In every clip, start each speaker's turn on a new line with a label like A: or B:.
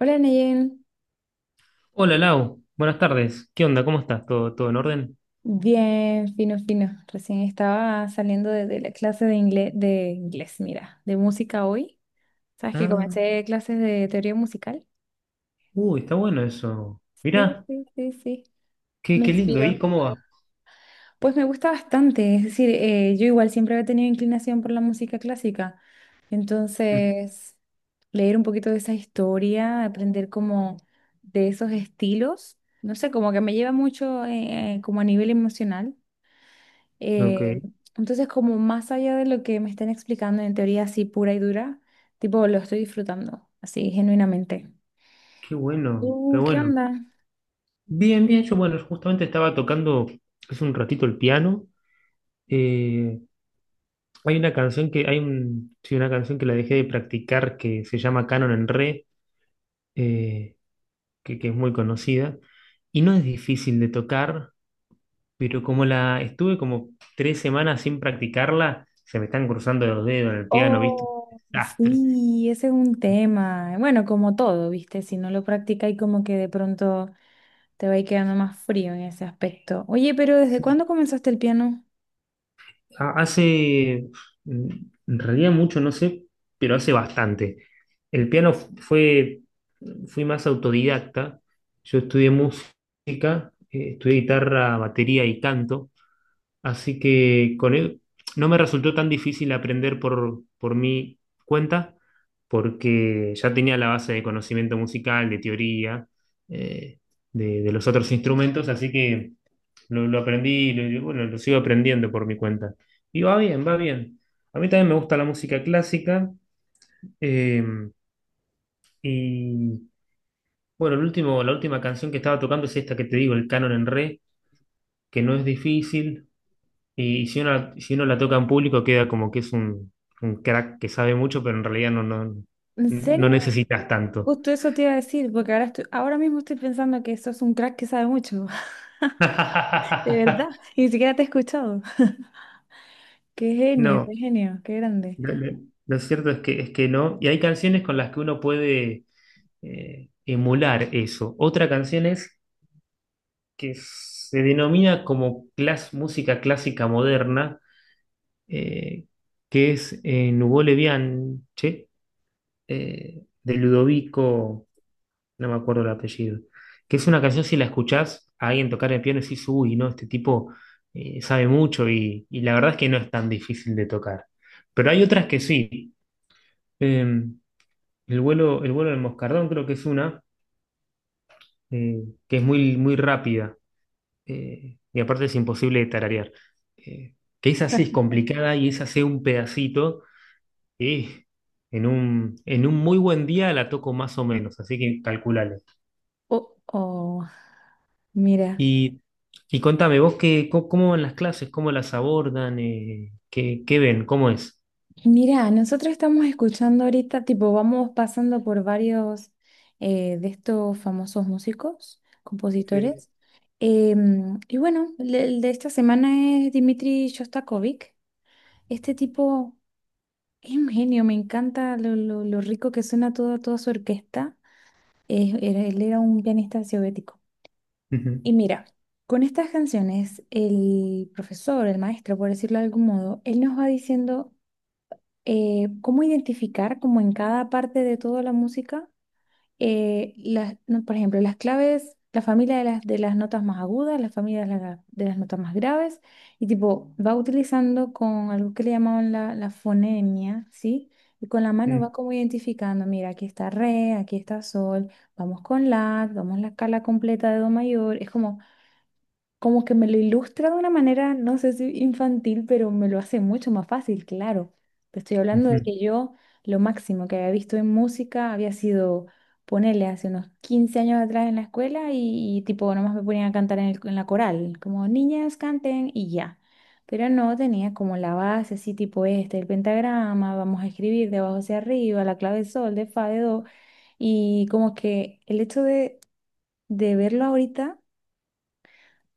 A: Hola Neyen,
B: Hola Lau, buenas tardes. ¿Qué onda? ¿Cómo estás? ¿Todo en orden?
A: bien, fino, fino. Recién estaba saliendo de la clase de inglés, mira, de música hoy. ¿Sabes que
B: Ah,
A: comencé clases de teoría musical?
B: uy, está bueno eso.
A: Sí,
B: Mirá,
A: sí, sí, sí.
B: qué,
A: Me
B: qué lindo.
A: inspiró.
B: ¿Y cómo va?
A: Pues me gusta bastante, es decir, yo igual siempre había tenido inclinación por la música clásica.
B: Mm.
A: Entonces, leer un poquito de esa historia, aprender como de esos estilos, no sé, como que me lleva mucho como a nivel emocional.
B: Ok,
A: Eh, entonces, como más allá de lo que me estén explicando en teoría así pura y dura, tipo, lo estoy disfrutando, así, genuinamente.
B: qué bueno, qué
A: ¿Qué
B: bueno.
A: onda?
B: Bien, bien, yo bueno, justamente estaba tocando hace un ratito el piano. Eh, Hay una canción hay un, sí, una canción que la dejé de practicar que se llama Canon en Re, eh, que es muy conocida. Y no es difícil de tocar, pero como la estuve como tres semanas sin practicarla, se me están cruzando los dedos en el piano, ¿viste?
A: Oh,
B: Desastre.
A: sí, ese es un tema. Bueno, como todo, ¿viste? Si no lo practica y como que de pronto te va a ir quedando más frío en ese aspecto. Oye, pero ¿desde cuándo comenzaste el piano?
B: Hace, mm, en realidad mucho, no sé, pero hace bastante. El piano fue, fui más autodidacta. Yo estudié música, estudié guitarra, batería y canto. Así que con él no me resultó tan difícil aprender por mi cuenta, porque ya tenía la base de conocimiento musical, de teoría, eh, de los otros instrumentos, así que lo aprendí, bueno, lo sigo aprendiendo por mi cuenta. Y va bien, va bien. A mí también me gusta la música clásica. eh, y bueno, la última canción que estaba tocando es esta que te digo, el canon en re, que no es difícil. Y si uno, si uno la toca en público queda como que es un crack que sabe mucho, pero en realidad no, no,
A: ¿En
B: no
A: serio?
B: necesitas tanto.
A: Justo eso te iba a decir, porque ahora estoy, ahora mismo estoy pensando que sos un crack que sabe mucho, de verdad, ni siquiera te he escuchado. Qué genio,
B: No,
A: qué genio, qué grande.
B: lo, lo- lo cierto es es que no. Y hay canciones con las que uno puede emular eso. Otra canción es que se denomina como música clásica moderna, eh, que es Nuvole Bianche, de Ludovico. No me acuerdo el apellido, que es una canción si la escuchás a alguien tocar el piano y decís, uy, no, este tipo sabe mucho y la verdad es que no es tan difícil de tocar. Pero hay otras que sí. Eh, el vuelo, el vuelo del moscardón creo que es una eh, que es muy, muy rápida, y aparte es imposible de tararear. Eh, que esa sí es complicada y esa hace un pedacito y en un muy buen día la toco más o menos, así que calculale.
A: Oh, oh, mira,
B: Y, y contame, vos qué, cómo van las clases, cómo las abordan, qué, qué ven, cómo es.
A: mira, nosotros estamos escuchando ahorita, tipo, vamos pasando por varios de estos famosos músicos,
B: Sí.
A: compositores. Y bueno, el de esta semana es Dmitri Shostakovich. Este tipo es un genio, me encanta lo, lo rico que suena toda, toda su orquesta. Él era un pianista soviético.
B: Ujú,
A: Y mira, con estas canciones, el profesor, el maestro, por decirlo de algún modo, él nos va diciendo cómo identificar como en cada parte de toda la música, las, no, por ejemplo, las claves, la familia de las notas más agudas, la familia de, de las notas más graves, y tipo, va utilizando con algo que le llamaban la, la fonemia, ¿sí? Y con la mano
B: ujú,
A: va como identificando, mira, aquí está re, aquí está sol, vamos con la, vamos la escala completa de do mayor, es como como que me lo ilustra de una manera, no sé si infantil, pero me lo hace mucho más fácil, claro. Te estoy hablando
B: ujú.
A: de que yo lo máximo que había visto en música había sido ponerle hace unos 15 años atrás en la escuela y tipo nomás me ponían a cantar en, en la coral, como niñas canten y ya. Pero no tenía como la base así tipo este, el pentagrama, vamos a escribir de abajo hacia arriba, la clave de sol, de fa, de do, y como que el hecho de verlo ahorita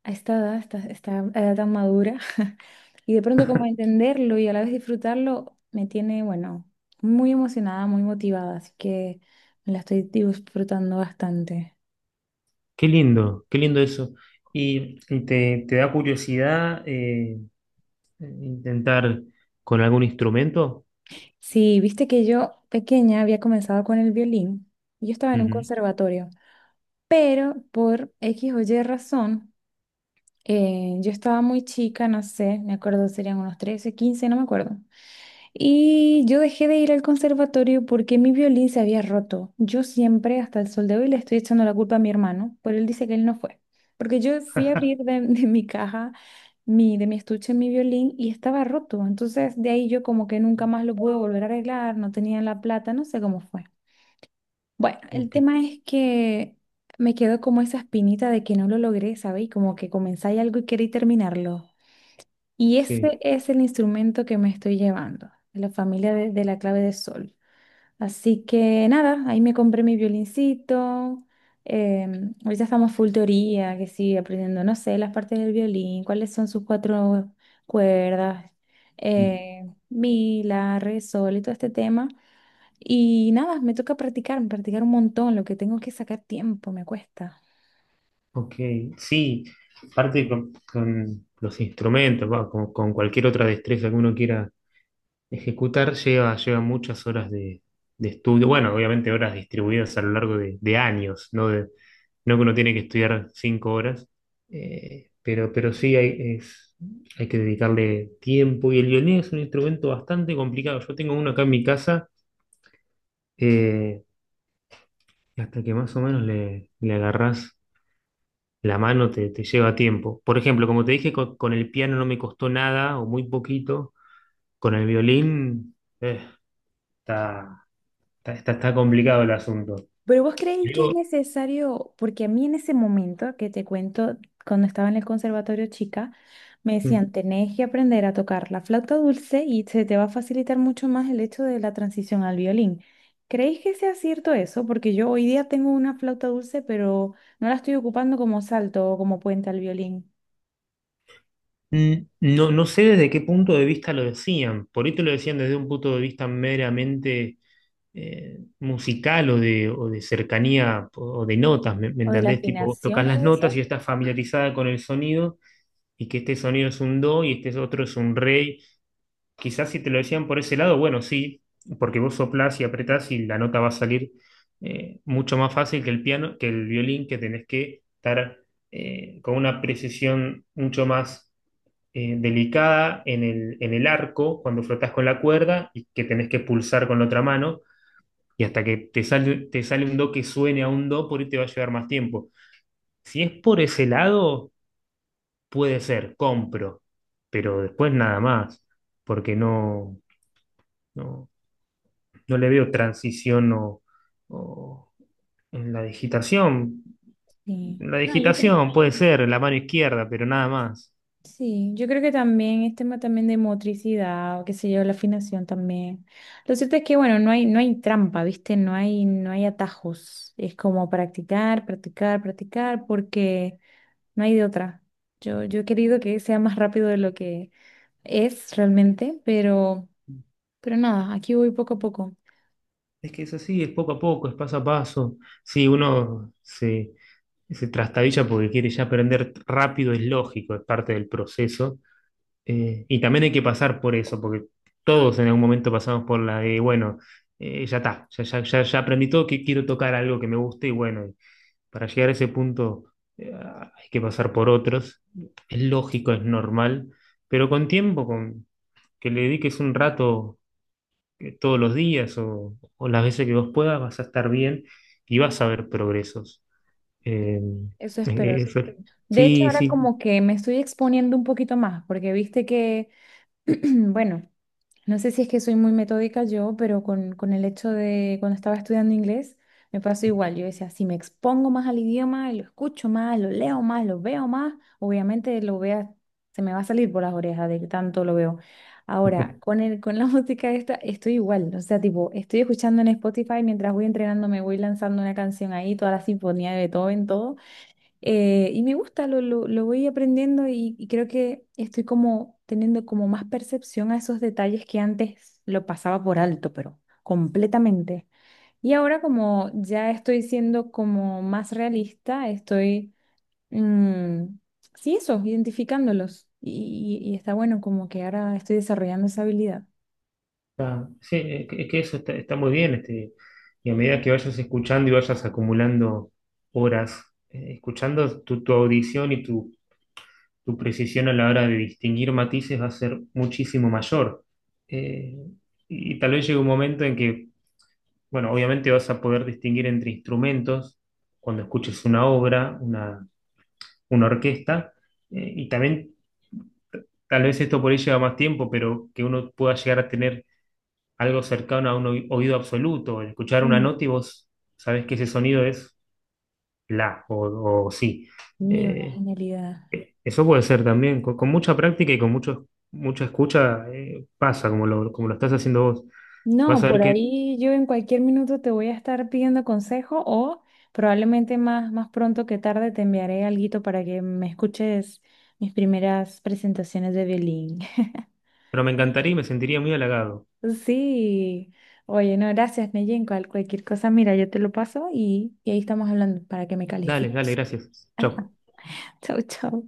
A: a esta edad, esta edad tan madura, y de pronto como entenderlo y a la vez disfrutarlo, me tiene, bueno, muy emocionada, muy motivada, así que me la estoy disfrutando bastante.
B: Qué lindo eso. Y te, te da curiosidad intentar con algún instrumento?
A: Sí, viste que yo pequeña había comenzado con el violín, yo estaba en un
B: Ujú.
A: conservatorio, pero por X o Y razón, yo estaba muy chica, no sé, me acuerdo, serían unos 13 15 no me acuerdo. Y yo dejé de ir al conservatorio porque mi violín se había roto. Yo siempre, hasta el sol de hoy, le estoy echando la culpa a mi hermano, pero él dice que él no fue. Porque yo fui a abrir de, de mi caja, mi, de mi estuche, mi violín y estaba roto. Entonces de ahí yo como que nunca más lo pude volver a arreglar, no tenía la plata, no sé cómo fue. Bueno, el
B: Ok,
A: tema es que me quedó como esa espinita de que no lo logré, ¿sabéis? Como que comenzáis algo y queréis terminarlo. Y
B: sí,
A: ese es el instrumento que me estoy llevando, de la familia de la clave de sol. Así que nada, ahí me compré mi violincito. Em, ahorita estamos full teoría, que sí, aprendiendo, no sé, las partes del violín, cuáles son sus 4 cuerdas,
B: mm,
A: mi, la, re, sol y todo este tema. Y nada, me toca practicar, practicar un montón, lo que tengo es que sacar tiempo, me cuesta.
B: ok, sí. Aparte con los instrumentos, va, con cualquier otra destreza que uno quiera ejecutar lleva, lleva muchas horas de estudio, bueno, obviamente horas distribuidas a lo largo de años, ¿no? No que uno tiene que estudiar cinco horas, pero sí hay, hay que dedicarle tiempo y el violín es un instrumento bastante complicado. Yo tengo uno acá en mi casa, eh, y hasta que más o menos le agarrás la mano te lleva tiempo. Por ejemplo, como te dije, con el piano no me costó nada o muy poquito, con el violín... eh, Está, está complicado el asunto.
A: Pero vos creéis que es
B: Digo,
A: necesario, porque a mí en ese momento que te cuento, cuando estaba en el conservatorio chica, me
B: mm.
A: decían, tenés que aprender a tocar la flauta dulce y se te va a facilitar mucho más el hecho de la transición al violín. ¿Creéis que sea cierto eso? Porque yo hoy día tengo una flauta dulce, pero no la estoy ocupando como salto o como puente al violín.
B: mm, no, no sé desde qué punto de vista lo decían. Por ahí te lo decían desde un punto de vista meramente musical o de cercanía o de notas, ¿me, me
A: O de la
B: entendés? Tipo, vos tocas
A: afinación,
B: las
A: puede ser.
B: notas y estás familiarizada con el sonido y que este sonido es un do y este otro es un re. Quizás si te lo decían por ese lado, bueno, sí, porque vos soplás y apretás y la nota va a salir mucho más fácil que el piano, que el violín, que tenés que estar con una precisión mucho más delicada en en el arco cuando frotás con la cuerda y que tenés que pulsar con la otra mano. Y hasta que te sale un do que suene a un do, por ahí te va a llevar más tiempo. Si es por ese lado, puede ser, compro, pero después nada más, porque no, no, no le veo transición o en la digitación.
A: Sí.
B: La
A: No, yo creo.
B: digitación puede ser la mano izquierda, pero nada más.
A: Sí, yo creo que también es tema también de motricidad o qué sé yo, la afinación también. Lo cierto es que, bueno, no hay, no hay trampa, ¿viste? No hay, no hay atajos. Es como practicar, practicar, practicar, porque no hay de otra. Yo he querido que sea más rápido de lo que es realmente, pero nada, aquí voy poco a poco.
B: Es que es así, es poco a poco, es paso a paso. Si uno se, se trastabilla porque quiere ya aprender rápido, es lógico, es parte del proceso. Y también hay que pasar por eso, porque todos en algún momento pasamos por la de, bueno, ya está, ya, ya, ya, ya aprendí todo, que quiero tocar algo que me guste y bueno, para llegar a ese punto hay que pasar por otros. Es lógico, es normal, pero con tiempo, con que le dediques un rato, todos los días o las veces que vos puedas, vas a estar bien y vas a ver progresos. Em,
A: Eso
B: Eh,
A: espero.
B: Sí,
A: De hecho,
B: sí,
A: ahora
B: sí,
A: como que me estoy exponiendo un poquito más, porque viste que, bueno. No sé si es que soy muy metódica yo, pero con el hecho de cuando estaba estudiando inglés, me pasó igual. Yo decía, si me expongo más al idioma, lo escucho más, lo leo más, lo veo más, obviamente lo vea, se me va a salir por las orejas de que tanto lo veo. Ahora, con el, con la música esta, estoy igual. O sea, tipo, estoy escuchando en Spotify mientras voy entrenando, me voy lanzando una canción ahí, toda la sinfonía de Beethoven, todo. Y me gusta, lo voy aprendiendo y creo que estoy como teniendo como más percepción a esos detalles que antes lo pasaba por alto, pero completamente. Y ahora como ya estoy siendo como más realista, estoy, mm, sí, eso, identificándolos. Y, y está bueno como que ahora estoy desarrollando esa habilidad.
B: sí, es que eso está, está muy bien. Este, y a medida que vayas escuchando y vayas acumulando horas, escuchando tu audición y tu tu precisión a la hora de distinguir matices va a ser muchísimo mayor. Eh, y tal vez llegue un momento en que, bueno, obviamente vas a poder distinguir entre instrumentos cuando escuches una orquesta, y también tal vez esto por ahí lleva más tiempo, pero que uno pueda llegar a tener algo cercano a un oído absoluto, el escuchar una
A: Mm.
B: nota y vos sabés que ese sonido es la o sí.
A: Y una
B: Eh,
A: genialidad.
B: Eso puede ser también, con mucha práctica y con mucho, mucha escucha, pasa, como lo estás haciendo vos.
A: No,
B: Vas a ver
A: por
B: que,
A: ahí yo en cualquier minuto te voy a estar pidiendo consejo o probablemente más, más pronto que tarde te enviaré alguito para que me escuches mis primeras presentaciones de violín.
B: pero me encantaría y me sentiría muy halagado.
A: Sí, oye, no, gracias, Neyen. Cual, cualquier cosa, mira, yo te lo paso y ahí estamos hablando para que me
B: Dale, dale,
A: califiques.
B: gracias. Chau.
A: Chau, chau.